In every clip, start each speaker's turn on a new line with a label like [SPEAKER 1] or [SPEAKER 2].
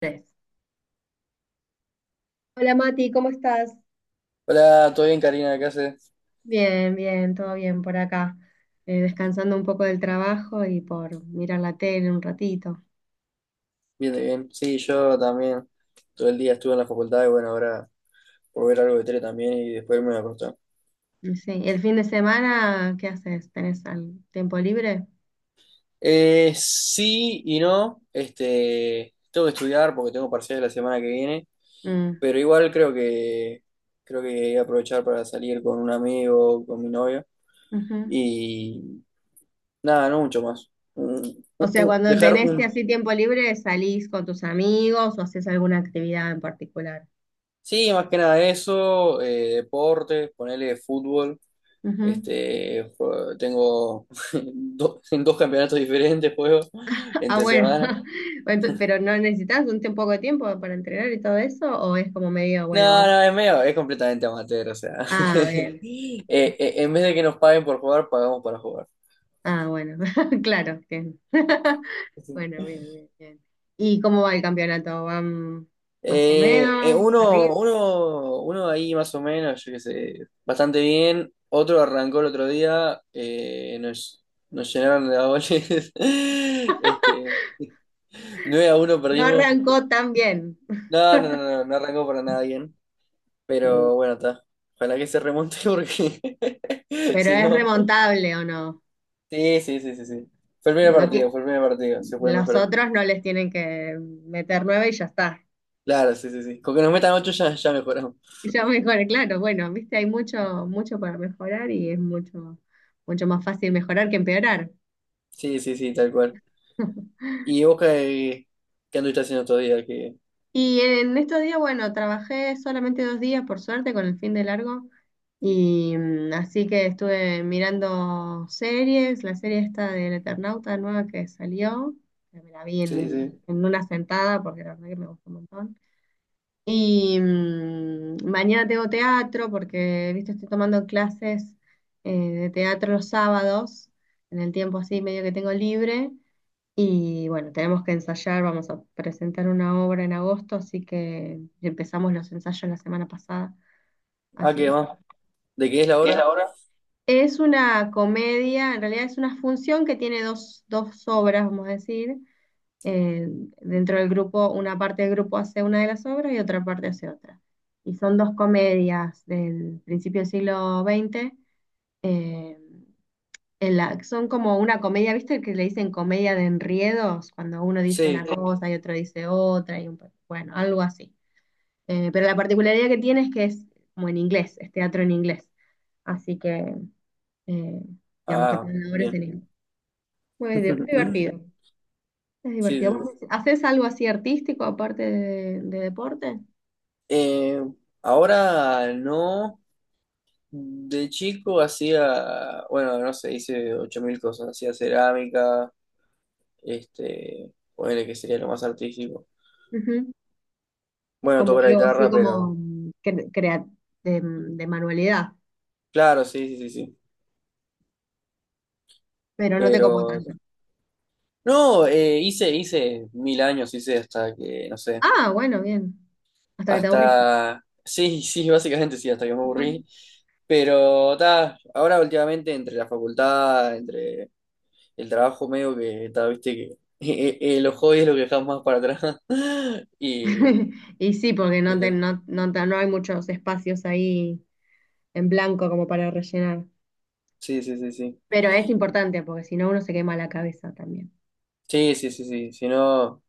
[SPEAKER 1] Tres. Hola Mati, ¿cómo estás?
[SPEAKER 2] Hola, ¿todo bien, Karina? ¿Qué haces?
[SPEAKER 1] Bien, bien, todo bien por acá. Descansando un poco del trabajo y por mirar la tele un ratito.
[SPEAKER 2] Bien, bien. Sí, yo también. Todo el día estuve en la facultad y bueno, ahora por ver algo de tele también y después me voy a acostar.
[SPEAKER 1] Y sí. ¿El fin de semana qué haces? ¿Tenés al tiempo libre?
[SPEAKER 2] Sí y no. Este, tengo que estudiar porque tengo parciales la semana que viene,
[SPEAKER 1] Mm.
[SPEAKER 2] pero igual creo que voy a aprovechar para salir con un amigo, con mi novia
[SPEAKER 1] Ujú.
[SPEAKER 2] y nada, no mucho más.
[SPEAKER 1] O sea, cuando
[SPEAKER 2] Dejar
[SPEAKER 1] tenés que
[SPEAKER 2] un...
[SPEAKER 1] así tiempo libre, salís con tus amigos o haces alguna actividad en particular.
[SPEAKER 2] Sí, más que nada eso, deportes, ponerle fútbol.
[SPEAKER 1] Ujú.
[SPEAKER 2] Este, tengo en dos campeonatos diferentes juego
[SPEAKER 1] Ah,
[SPEAKER 2] entre
[SPEAKER 1] bueno.
[SPEAKER 2] semana.
[SPEAKER 1] Entonces, pero ¿no necesitas un poco de tiempo para entrenar y todo eso? ¿O es como medio, bueno,
[SPEAKER 2] No,
[SPEAKER 1] vamos?
[SPEAKER 2] no, es medio, es completamente amateur, o sea.
[SPEAKER 1] Ah, bien.
[SPEAKER 2] En vez de que nos paguen por jugar, pagamos para jugar.
[SPEAKER 1] Ah, bueno, claro, bien. Bueno, bien, bien, bien. ¿Y cómo va el campeonato? ¿Van más o menos? ¿Arriba?
[SPEAKER 2] Uno ahí más o menos, yo qué sé, bastante bien. Otro arrancó el otro día, nos llenaron de goles. Este, 9 a uno
[SPEAKER 1] No
[SPEAKER 2] perdimos.
[SPEAKER 1] arrancó tan bien,
[SPEAKER 2] No, no, no, no, no arrancó para nada bien. Pero bueno, está. Ojalá que se remonte porque
[SPEAKER 1] pero
[SPEAKER 2] si
[SPEAKER 1] ¿es
[SPEAKER 2] no.
[SPEAKER 1] remontable o no?
[SPEAKER 2] Sí, sí, sí, sí, sí. Fue el primer
[SPEAKER 1] No ti-
[SPEAKER 2] partido, fue el primer partido. Se puede
[SPEAKER 1] los
[SPEAKER 2] mejorar.
[SPEAKER 1] otros no les tienen que meter 9 y ya está.
[SPEAKER 2] Claro, sí, sí, sí. Con que nos metan ocho ya, ya mejoramos.
[SPEAKER 1] Y ya mejoré, claro, bueno, viste, hay mucho, mucho para mejorar y es mucho, mucho más fácil mejorar que empeorar.
[SPEAKER 2] Sí, sí, sí, tal cual. ¿Y vos qué anduviste haciendo todavía? Que...
[SPEAKER 1] Y en estos días, bueno, trabajé solamente 2 días, por suerte, con el fin de largo. Y así que estuve mirando series, la serie esta del Eternauta nueva que salió, que me la vi
[SPEAKER 2] Sí,
[SPEAKER 1] en,
[SPEAKER 2] sí.
[SPEAKER 1] en una sentada porque la verdad que me gustó un montón. Y mañana tengo teatro porque, viste, estoy tomando clases de teatro los sábados, en el tiempo así medio que tengo libre. Y bueno, tenemos que ensayar, vamos a presentar una obra en agosto, así que empezamos los ensayos la semana pasada.
[SPEAKER 2] Ah,
[SPEAKER 1] Así que
[SPEAKER 2] ¿qué va?
[SPEAKER 1] bueno.
[SPEAKER 2] ¿De qué es la
[SPEAKER 1] ¿Y es la
[SPEAKER 2] hora?
[SPEAKER 1] hora? Es una comedia, en realidad es una función que tiene dos obras, vamos a decir. Eh, Dentro del grupo, una parte del grupo hace una de las obras y otra parte hace otra. Y son dos comedias del principio del siglo XX. eh, son como una comedia, ¿viste que le dicen comedia de enriedos? Cuando uno dice una, sí,
[SPEAKER 2] Sí.
[SPEAKER 1] cosa y otro dice otra, y bueno, algo así. Pero la particularidad que tiene es que es como en inglés, es teatro en inglés. Así que, eh, digamos que
[SPEAKER 2] Ah,
[SPEAKER 1] tiene valores en
[SPEAKER 2] bien.
[SPEAKER 1] inglés. Muy divertido, es
[SPEAKER 2] Sí,
[SPEAKER 1] divertido.
[SPEAKER 2] sí,
[SPEAKER 1] ¿Vos
[SPEAKER 2] sí.
[SPEAKER 1] haces algo así artístico aparte de deporte?
[SPEAKER 2] Eh, ahora no. De chico hacía, bueno, no sé, hice 8000 cosas. Hacía cerámica. Este, ponele que sería lo más artístico.
[SPEAKER 1] Ujú.
[SPEAKER 2] Bueno,
[SPEAKER 1] Como
[SPEAKER 2] toco la
[SPEAKER 1] algo así
[SPEAKER 2] guitarra,
[SPEAKER 1] como
[SPEAKER 2] pero.
[SPEAKER 1] de manualidad,
[SPEAKER 2] Claro, sí, sí, sí, sí.
[SPEAKER 1] pero no te copo
[SPEAKER 2] Pero.
[SPEAKER 1] tanto.
[SPEAKER 2] No, hice mil años, hice hasta que, no sé.
[SPEAKER 1] Ah, bueno, bien. Hasta que te aburriste.
[SPEAKER 2] Hasta. Sí, sí, básicamente sí, hasta que me aburrí. Pero ta, ahora últimamente entre la facultad, entre el trabajo medio que ta, viste que los hobbies es lo que dejamos más para atrás. Y,
[SPEAKER 1] Y sí, porque no,
[SPEAKER 2] y ta,
[SPEAKER 1] no, no, no hay muchos espacios ahí en blanco como para rellenar.
[SPEAKER 2] sí, sí, sí, sí.
[SPEAKER 1] Pero es importante porque si no uno se quema la cabeza también.
[SPEAKER 2] Sí, sí, sí, sí. Si no,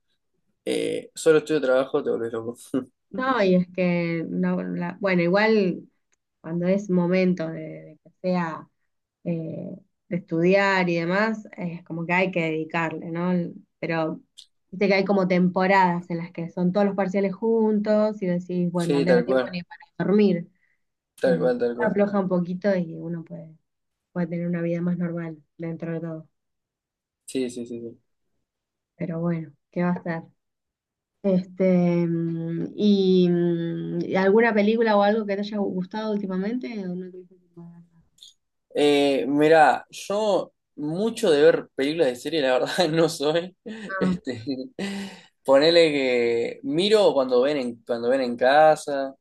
[SPEAKER 2] solo estudio trabajo, te volvés loco.
[SPEAKER 1] No, y es que, no, bueno, igual cuando es momento de, que sea eh, de estudiar y demás, es como que hay que dedicarle, ¿no? Pero viste que hay como temporadas en las que son todos los parciales juntos y decís, bueno, no
[SPEAKER 2] Sí,
[SPEAKER 1] tengo
[SPEAKER 2] tal
[SPEAKER 1] tiempo
[SPEAKER 2] cual,
[SPEAKER 1] ni para dormir.
[SPEAKER 2] tal
[SPEAKER 1] Eh,
[SPEAKER 2] cual, tal cual.
[SPEAKER 1] Afloja un poquito y uno puede. Pueda tener una vida más normal dentro de todo.
[SPEAKER 2] Sí, sí, sí, sí.
[SPEAKER 1] Pero bueno, ¿qué va a estar? Este, ¿y alguna película o algo que te haya gustado últimamente? ¿O no tuviste tiempo de verla?
[SPEAKER 2] Mira, yo mucho de ver películas de serie, la verdad, no soy.
[SPEAKER 1] Ah,
[SPEAKER 2] Este, ponele que miro cuando ven en casa,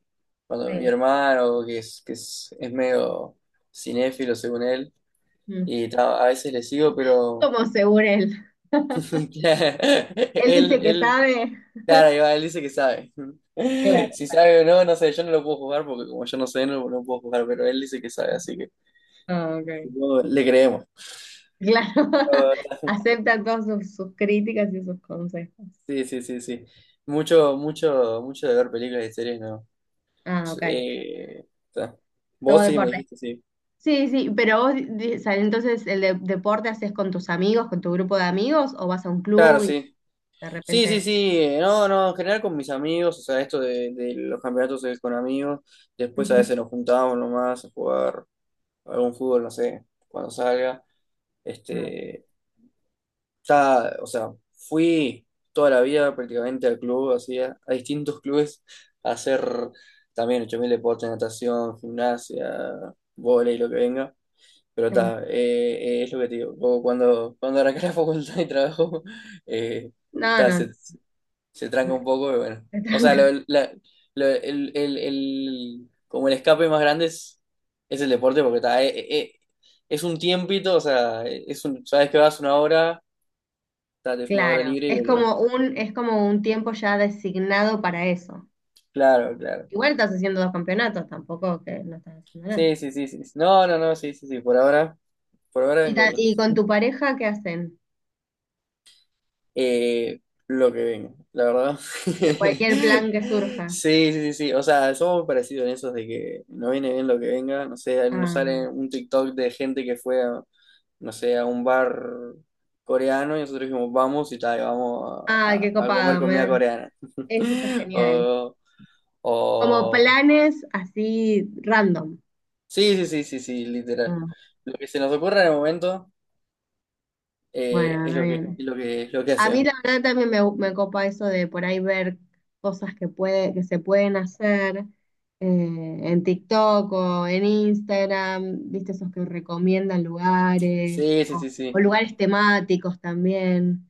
[SPEAKER 2] cuando mi
[SPEAKER 1] sí.
[SPEAKER 2] hermano, es medio cinéfilo según él,
[SPEAKER 1] Mm.
[SPEAKER 2] y ta, a veces le sigo, pero
[SPEAKER 1] Como según él. Él
[SPEAKER 2] él,
[SPEAKER 1] dice que
[SPEAKER 2] él,
[SPEAKER 1] sabe.
[SPEAKER 2] claro, ahí va, él dice que sabe.
[SPEAKER 1] Claro.
[SPEAKER 2] Si sabe o no, no sé, yo no lo puedo jugar porque como yo no sé, no, no puedo jugar, pero él dice que sabe, así que.
[SPEAKER 1] Ah, ok.
[SPEAKER 2] No, le creemos.
[SPEAKER 1] Claro.
[SPEAKER 2] No, está-
[SPEAKER 1] Acepta todas sus críticas y sus consejos.
[SPEAKER 2] Sí, sí, sí, sí. Mucho, mucho, mucho de ver películas y series, no.
[SPEAKER 1] Ah, ok.
[SPEAKER 2] Está.
[SPEAKER 1] Todo
[SPEAKER 2] Vos sí me
[SPEAKER 1] deporte.
[SPEAKER 2] dijiste, sí.
[SPEAKER 1] Sí, sí, pero vos, o sea, entonces, ¿el deporte haces con tus amigos, con tu grupo de amigos, o vas a un
[SPEAKER 2] Claro,
[SPEAKER 1] club y
[SPEAKER 2] sí.
[SPEAKER 1] de
[SPEAKER 2] Sí, sí,
[SPEAKER 1] repente...?
[SPEAKER 2] sí. No, no, en general con mis amigos, o sea, esto de los campeonatos es con amigos. Después a
[SPEAKER 1] Ujú.
[SPEAKER 2] veces nos juntábamos nomás a jugar algún fútbol, no sé, cuando salga.
[SPEAKER 1] Ah,
[SPEAKER 2] Este, ya, o sea, fui toda la vida prácticamente al club, así, a distintos clubes, a hacer también 8.000 deportes, natación, gimnasia, vóley, lo que venga. Pero
[SPEAKER 1] sí.
[SPEAKER 2] está, es lo que te digo, vos cuando arranqué la facultad y trabajo, eh,
[SPEAKER 1] No,
[SPEAKER 2] ta,
[SPEAKER 1] no,
[SPEAKER 2] se tranca
[SPEAKER 1] no,
[SPEAKER 2] un poco y bueno.
[SPEAKER 1] te
[SPEAKER 2] O sea,
[SPEAKER 1] tranca.
[SPEAKER 2] el, como el escape más grande es el deporte porque está, es un tiempito, o sea, es un, sabes que vas una hora. Date una hora
[SPEAKER 1] Claro,
[SPEAKER 2] libre y
[SPEAKER 1] es
[SPEAKER 2] volver.
[SPEAKER 1] como un, es como un tiempo ya designado para eso.
[SPEAKER 2] Claro, claro.
[SPEAKER 1] Igual estás haciendo dos campeonatos, tampoco que no estás haciendo nada.
[SPEAKER 2] Sí, sí, sí, sí. No, no, no, sí, sí, sí. Por ahora
[SPEAKER 1] ¿Y,
[SPEAKER 2] vengo
[SPEAKER 1] ta-
[SPEAKER 2] bien.
[SPEAKER 1] y con tu pareja qué hacen?
[SPEAKER 2] Eh, lo que vengo, la verdad.
[SPEAKER 1] Cualquier plan que surja.
[SPEAKER 2] Sí, sí, sí, sí. O sea, somos muy parecidos en eso de que no viene bien lo que venga. No sé, nos
[SPEAKER 1] Ah,
[SPEAKER 2] sale un TikTok de gente que fue a, no sé, a un bar coreano y nosotros dijimos, vamos y tal, vamos
[SPEAKER 1] ay,
[SPEAKER 2] a,
[SPEAKER 1] qué
[SPEAKER 2] a comer
[SPEAKER 1] copado,
[SPEAKER 2] comida coreana.
[SPEAKER 1] eso está genial.
[SPEAKER 2] O,
[SPEAKER 1] Como
[SPEAKER 2] o
[SPEAKER 1] planes así random.
[SPEAKER 2] sí, sí, sí, sí, sí, literal.
[SPEAKER 1] Ah,
[SPEAKER 2] Lo que se nos ocurra en el momento,
[SPEAKER 1] bueno,
[SPEAKER 2] es
[SPEAKER 1] está
[SPEAKER 2] lo que,
[SPEAKER 1] bien.
[SPEAKER 2] es lo que, es lo que
[SPEAKER 1] A mí
[SPEAKER 2] hacemos.
[SPEAKER 1] la verdad también me copa eso de por ahí ver cosas que que se pueden hacer en TikTok o en Instagram, viste esos que recomiendan lugares
[SPEAKER 2] Sí, sí,
[SPEAKER 1] o,
[SPEAKER 2] sí,
[SPEAKER 1] o
[SPEAKER 2] sí,
[SPEAKER 1] lugares temáticos también.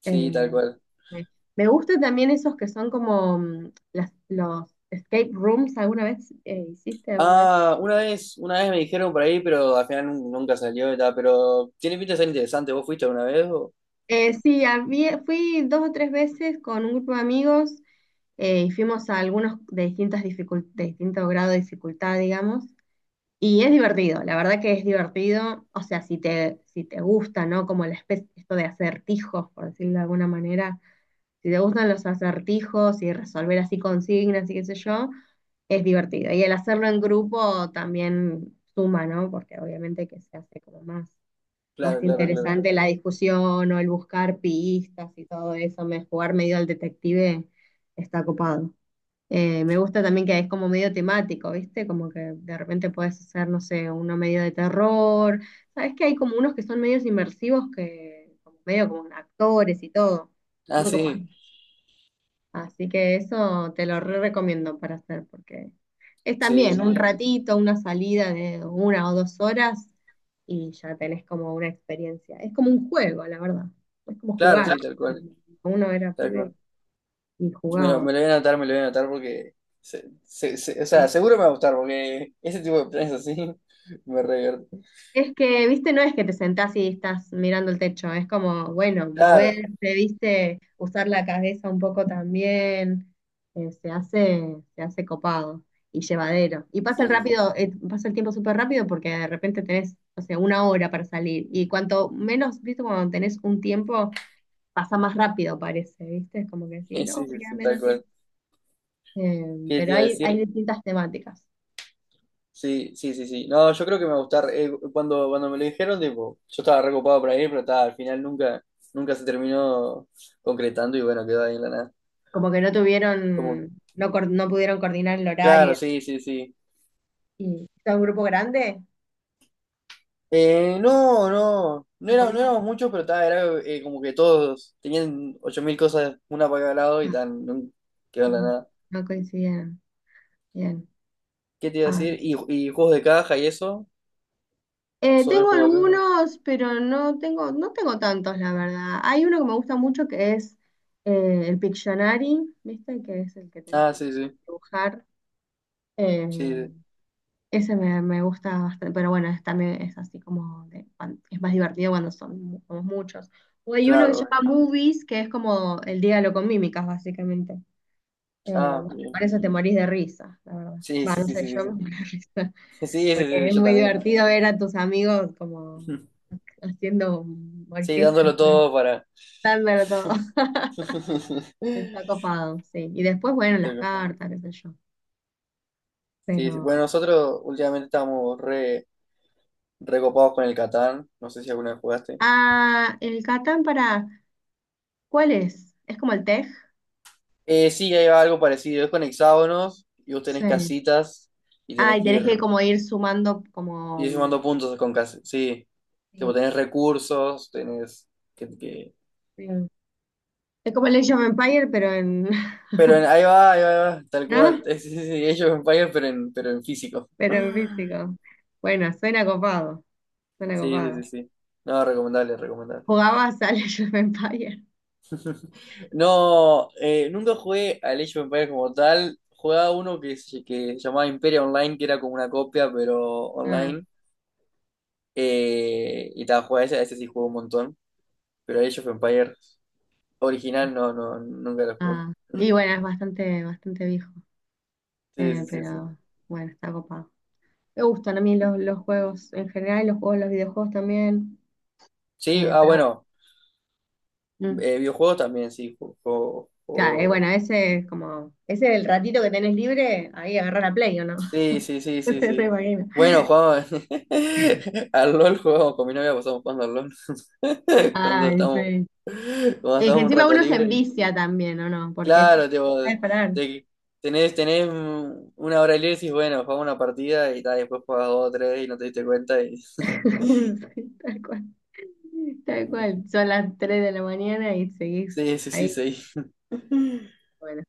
[SPEAKER 2] sí,
[SPEAKER 1] Eh,
[SPEAKER 2] tal cual.
[SPEAKER 1] me me gusta también esos que son como los escape rooms, ¿alguna vez hiciste alguna vez?
[SPEAKER 2] Ah, una vez me dijeron por ahí, pero al final nunca salió y tal, pero tiene pinta de ser interesante. ¿Vos fuiste alguna vez? ¿O?
[SPEAKER 1] Sí, fui 2 o 3 veces con un grupo de amigos y fuimos a algunos de distinto grado de dificultad, digamos. Y es divertido, la verdad que es divertido, o sea, si te gusta, ¿no? Como la especie, esto de acertijos, por decirlo de alguna manera, si te gustan los acertijos y resolver así consignas y qué sé yo, es divertido. Y el hacerlo en grupo también suma, ¿no? Porque obviamente que se hace como más
[SPEAKER 2] Claro, claro, claro.
[SPEAKER 1] interesante la discusión o el buscar pistas y todo eso, jugar medio al detective está copado. Me gusta también que es como medio temático, ¿viste? Como que de repente puedes hacer, no sé, uno medio de terror. Sabes que hay como unos que son medios inmersivos que, como medio como actores y todo.
[SPEAKER 2] Ah,
[SPEAKER 1] Muy copado.
[SPEAKER 2] sí,
[SPEAKER 1] Así que eso te lo re recomiendo para hacer, porque es también un
[SPEAKER 2] sí,
[SPEAKER 1] ratito, una salida de 1 o 2 horas y ya tenés como una experiencia. Es como un juego, la verdad. Es como
[SPEAKER 2] claro,
[SPEAKER 1] jugar.
[SPEAKER 2] sí, tal cual,
[SPEAKER 1] Uno era
[SPEAKER 2] tal
[SPEAKER 1] pibe
[SPEAKER 2] cual.
[SPEAKER 1] y jugaba.
[SPEAKER 2] Me lo voy a anotar, me lo voy a anotar porque, o sea,
[SPEAKER 1] ¿Sí?
[SPEAKER 2] seguro me va a gustar porque ese tipo de planes así me revierte.
[SPEAKER 1] Es que, viste, no es que te sentás y estás mirando el techo, es como, bueno, moverse,
[SPEAKER 2] Claro,
[SPEAKER 1] viste, usar la cabeza un poco también, se hace copado y llevadero. Y
[SPEAKER 2] sí, sí, sí,
[SPEAKER 1] pasa el tiempo súper rápido porque de repente tenés, o sea, una hora para salir. Y cuanto menos, viste, cuando tenés un tiempo, pasa más rápido, parece, viste, es como que sí,
[SPEAKER 2] sí,
[SPEAKER 1] no, me
[SPEAKER 2] sí,
[SPEAKER 1] queda
[SPEAKER 2] sí, tal
[SPEAKER 1] menos tiempo.
[SPEAKER 2] cual.
[SPEAKER 1] Eh,
[SPEAKER 2] ¿Qué te
[SPEAKER 1] pero
[SPEAKER 2] iba a
[SPEAKER 1] hay
[SPEAKER 2] decir?
[SPEAKER 1] distintas temáticas.
[SPEAKER 2] Sí, sí, sí, sí. No, yo creo que me va a gustar. Cuando, cuando me lo dijeron, tipo, yo estaba recopado para ir, pero ta, al final nunca, nunca se terminó concretando y bueno, quedó ahí en la nada.
[SPEAKER 1] Como que no
[SPEAKER 2] Como,
[SPEAKER 1] tuvieron, no, no pudieron coordinar el horario.
[SPEAKER 2] claro, sí, sí, sí.
[SPEAKER 1] Y está un grupo grande,
[SPEAKER 2] No, no, no,
[SPEAKER 1] un
[SPEAKER 2] era, no
[SPEAKER 1] poquito.
[SPEAKER 2] éramos muchos, pero ta, era como que todos tenían 8.000 cosas una para cada lado
[SPEAKER 1] Ah,
[SPEAKER 2] y tan, quedó en la
[SPEAKER 1] no,
[SPEAKER 2] nada.
[SPEAKER 1] no coincidieron. Bien.
[SPEAKER 2] ¿Qué te iba a
[SPEAKER 1] Ah.
[SPEAKER 2] decir? ¿Y juegos de caja y eso? ¿Sobre el
[SPEAKER 1] Tengo
[SPEAKER 2] juego de caja?
[SPEAKER 1] algunos, pero no tengo tantos, la verdad. Hay uno que me gusta mucho que es el Pictionary, ¿viste? Que es el que tenés
[SPEAKER 2] Ah,
[SPEAKER 1] que
[SPEAKER 2] sí, sí,
[SPEAKER 1] dibujar. Eh,
[SPEAKER 2] sí, sí,
[SPEAKER 1] Ese me gusta bastante, pero bueno, también es así como es más divertido cuando son somos muchos. O hay uno que
[SPEAKER 2] claro,
[SPEAKER 1] se
[SPEAKER 2] bueno.
[SPEAKER 1] llama Movies, que es como el diálogo con mímicas, básicamente. Eh,
[SPEAKER 2] Ah,
[SPEAKER 1] bueno,
[SPEAKER 2] bien.
[SPEAKER 1] con eso te morís de risa, la verdad.
[SPEAKER 2] Sí,
[SPEAKER 1] Va,
[SPEAKER 2] sí,
[SPEAKER 1] no
[SPEAKER 2] sí,
[SPEAKER 1] sé,
[SPEAKER 2] sí, sí,
[SPEAKER 1] yo me
[SPEAKER 2] sí.
[SPEAKER 1] muero de risa,
[SPEAKER 2] Sí, sí, sí,
[SPEAKER 1] porque
[SPEAKER 2] sí,
[SPEAKER 1] es
[SPEAKER 2] yo
[SPEAKER 1] muy
[SPEAKER 2] también.
[SPEAKER 1] divertido ver a tus amigos como haciendo
[SPEAKER 2] Sí,
[SPEAKER 1] orquesta,
[SPEAKER 2] dándolo todo para.
[SPEAKER 1] dándolo todo. Está copado, sí. Y después, bueno, las cartas, qué sé yo.
[SPEAKER 2] Sí, sí.
[SPEAKER 1] Pero.
[SPEAKER 2] Bueno, nosotros últimamente estábamos recopados con el Catán. No sé si alguna vez jugaste.
[SPEAKER 1] Ah, el Catán para. ¿Cuál es? ¿Es como el Tej?
[SPEAKER 2] Sí, hay algo parecido. Es con hexágonos y vos tenés
[SPEAKER 1] Sí.
[SPEAKER 2] casitas y
[SPEAKER 1] Ah,
[SPEAKER 2] tenés
[SPEAKER 1] y
[SPEAKER 2] que
[SPEAKER 1] tenés que como ir sumando
[SPEAKER 2] ir,
[SPEAKER 1] como.
[SPEAKER 2] sumando puntos con casitas. Sí, tipo,
[SPEAKER 1] Sí,
[SPEAKER 2] tenés recursos, tenés que... que-
[SPEAKER 1] sí. Es como el Age of Empire, pero en.
[SPEAKER 2] Ahí va, ahí va, ahí va, tal
[SPEAKER 1] ¿No?
[SPEAKER 2] cual. Sí, sí, sí, Age of Empires, pero en físico.
[SPEAKER 1] Pero en físico. Bueno, suena copado. Suena
[SPEAKER 2] Sí, sí,
[SPEAKER 1] copado.
[SPEAKER 2] sí, sí. No, recomendable, recomendable.
[SPEAKER 1] Jugabas al Age of Empires.
[SPEAKER 2] No, nunca jugué al Age of Empires como tal. Jugaba uno que se llamaba Imperia Online, que era como una copia, pero
[SPEAKER 1] Mm.
[SPEAKER 2] online. Y estaba jugando ese, ese sí jugué un montón. Pero Age of Empires original no, no, nunca lo jugué.
[SPEAKER 1] Ah, y bueno, es bastante, bastante viejo,
[SPEAKER 2] Sí, sí, sí, sí.
[SPEAKER 1] pero bueno, está copado. Me gustan a mí los juegos en general, y los videojuegos también,
[SPEAKER 2] Sí, ah,
[SPEAKER 1] pero
[SPEAKER 2] bueno,
[SPEAKER 1] bueno. Mm.
[SPEAKER 2] videojuegos también, sí,
[SPEAKER 1] Claro, bueno, ese es el ratito que tenés libre, ahí agarrar la Play, ¿o no?
[SPEAKER 2] Sí, sí, sí,
[SPEAKER 1] No
[SPEAKER 2] sí,
[SPEAKER 1] te re
[SPEAKER 2] sí.
[SPEAKER 1] imagino.
[SPEAKER 2] Bueno, jugamos al LOL, jugamos con mi novia, pasamos jugando al LOL. Cuando
[SPEAKER 1] Ay,
[SPEAKER 2] estamos,
[SPEAKER 1] sí.
[SPEAKER 2] cuando
[SPEAKER 1] Que
[SPEAKER 2] estamos un
[SPEAKER 1] encima
[SPEAKER 2] rato
[SPEAKER 1] uno se
[SPEAKER 2] libre.
[SPEAKER 1] envicia también, ¿o no? Porque es como,
[SPEAKER 2] Claro,
[SPEAKER 1] no
[SPEAKER 2] tipo,
[SPEAKER 1] sabes parar.
[SPEAKER 2] te- tenés, una hora libre y decís, bueno, jugamos una partida y ta, después jugás dos o tres y no te diste cuenta y...
[SPEAKER 1] Sí, tal cual, tal cual. Son las 3 de la mañana y seguís
[SPEAKER 2] Sí, sí, sí,
[SPEAKER 1] ahí.
[SPEAKER 2] sí.
[SPEAKER 1] Bueno.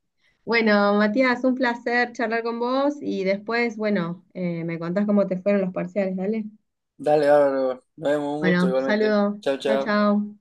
[SPEAKER 1] Bueno, Matías, un placer charlar con vos y después, bueno, me contás cómo te fueron los parciales, dale.
[SPEAKER 2] Dale, bárbaro. Nos vemos, un gusto
[SPEAKER 1] Bueno,
[SPEAKER 2] igualmente.
[SPEAKER 1] saludos.
[SPEAKER 2] Chao,
[SPEAKER 1] Chau,
[SPEAKER 2] chao.
[SPEAKER 1] chau.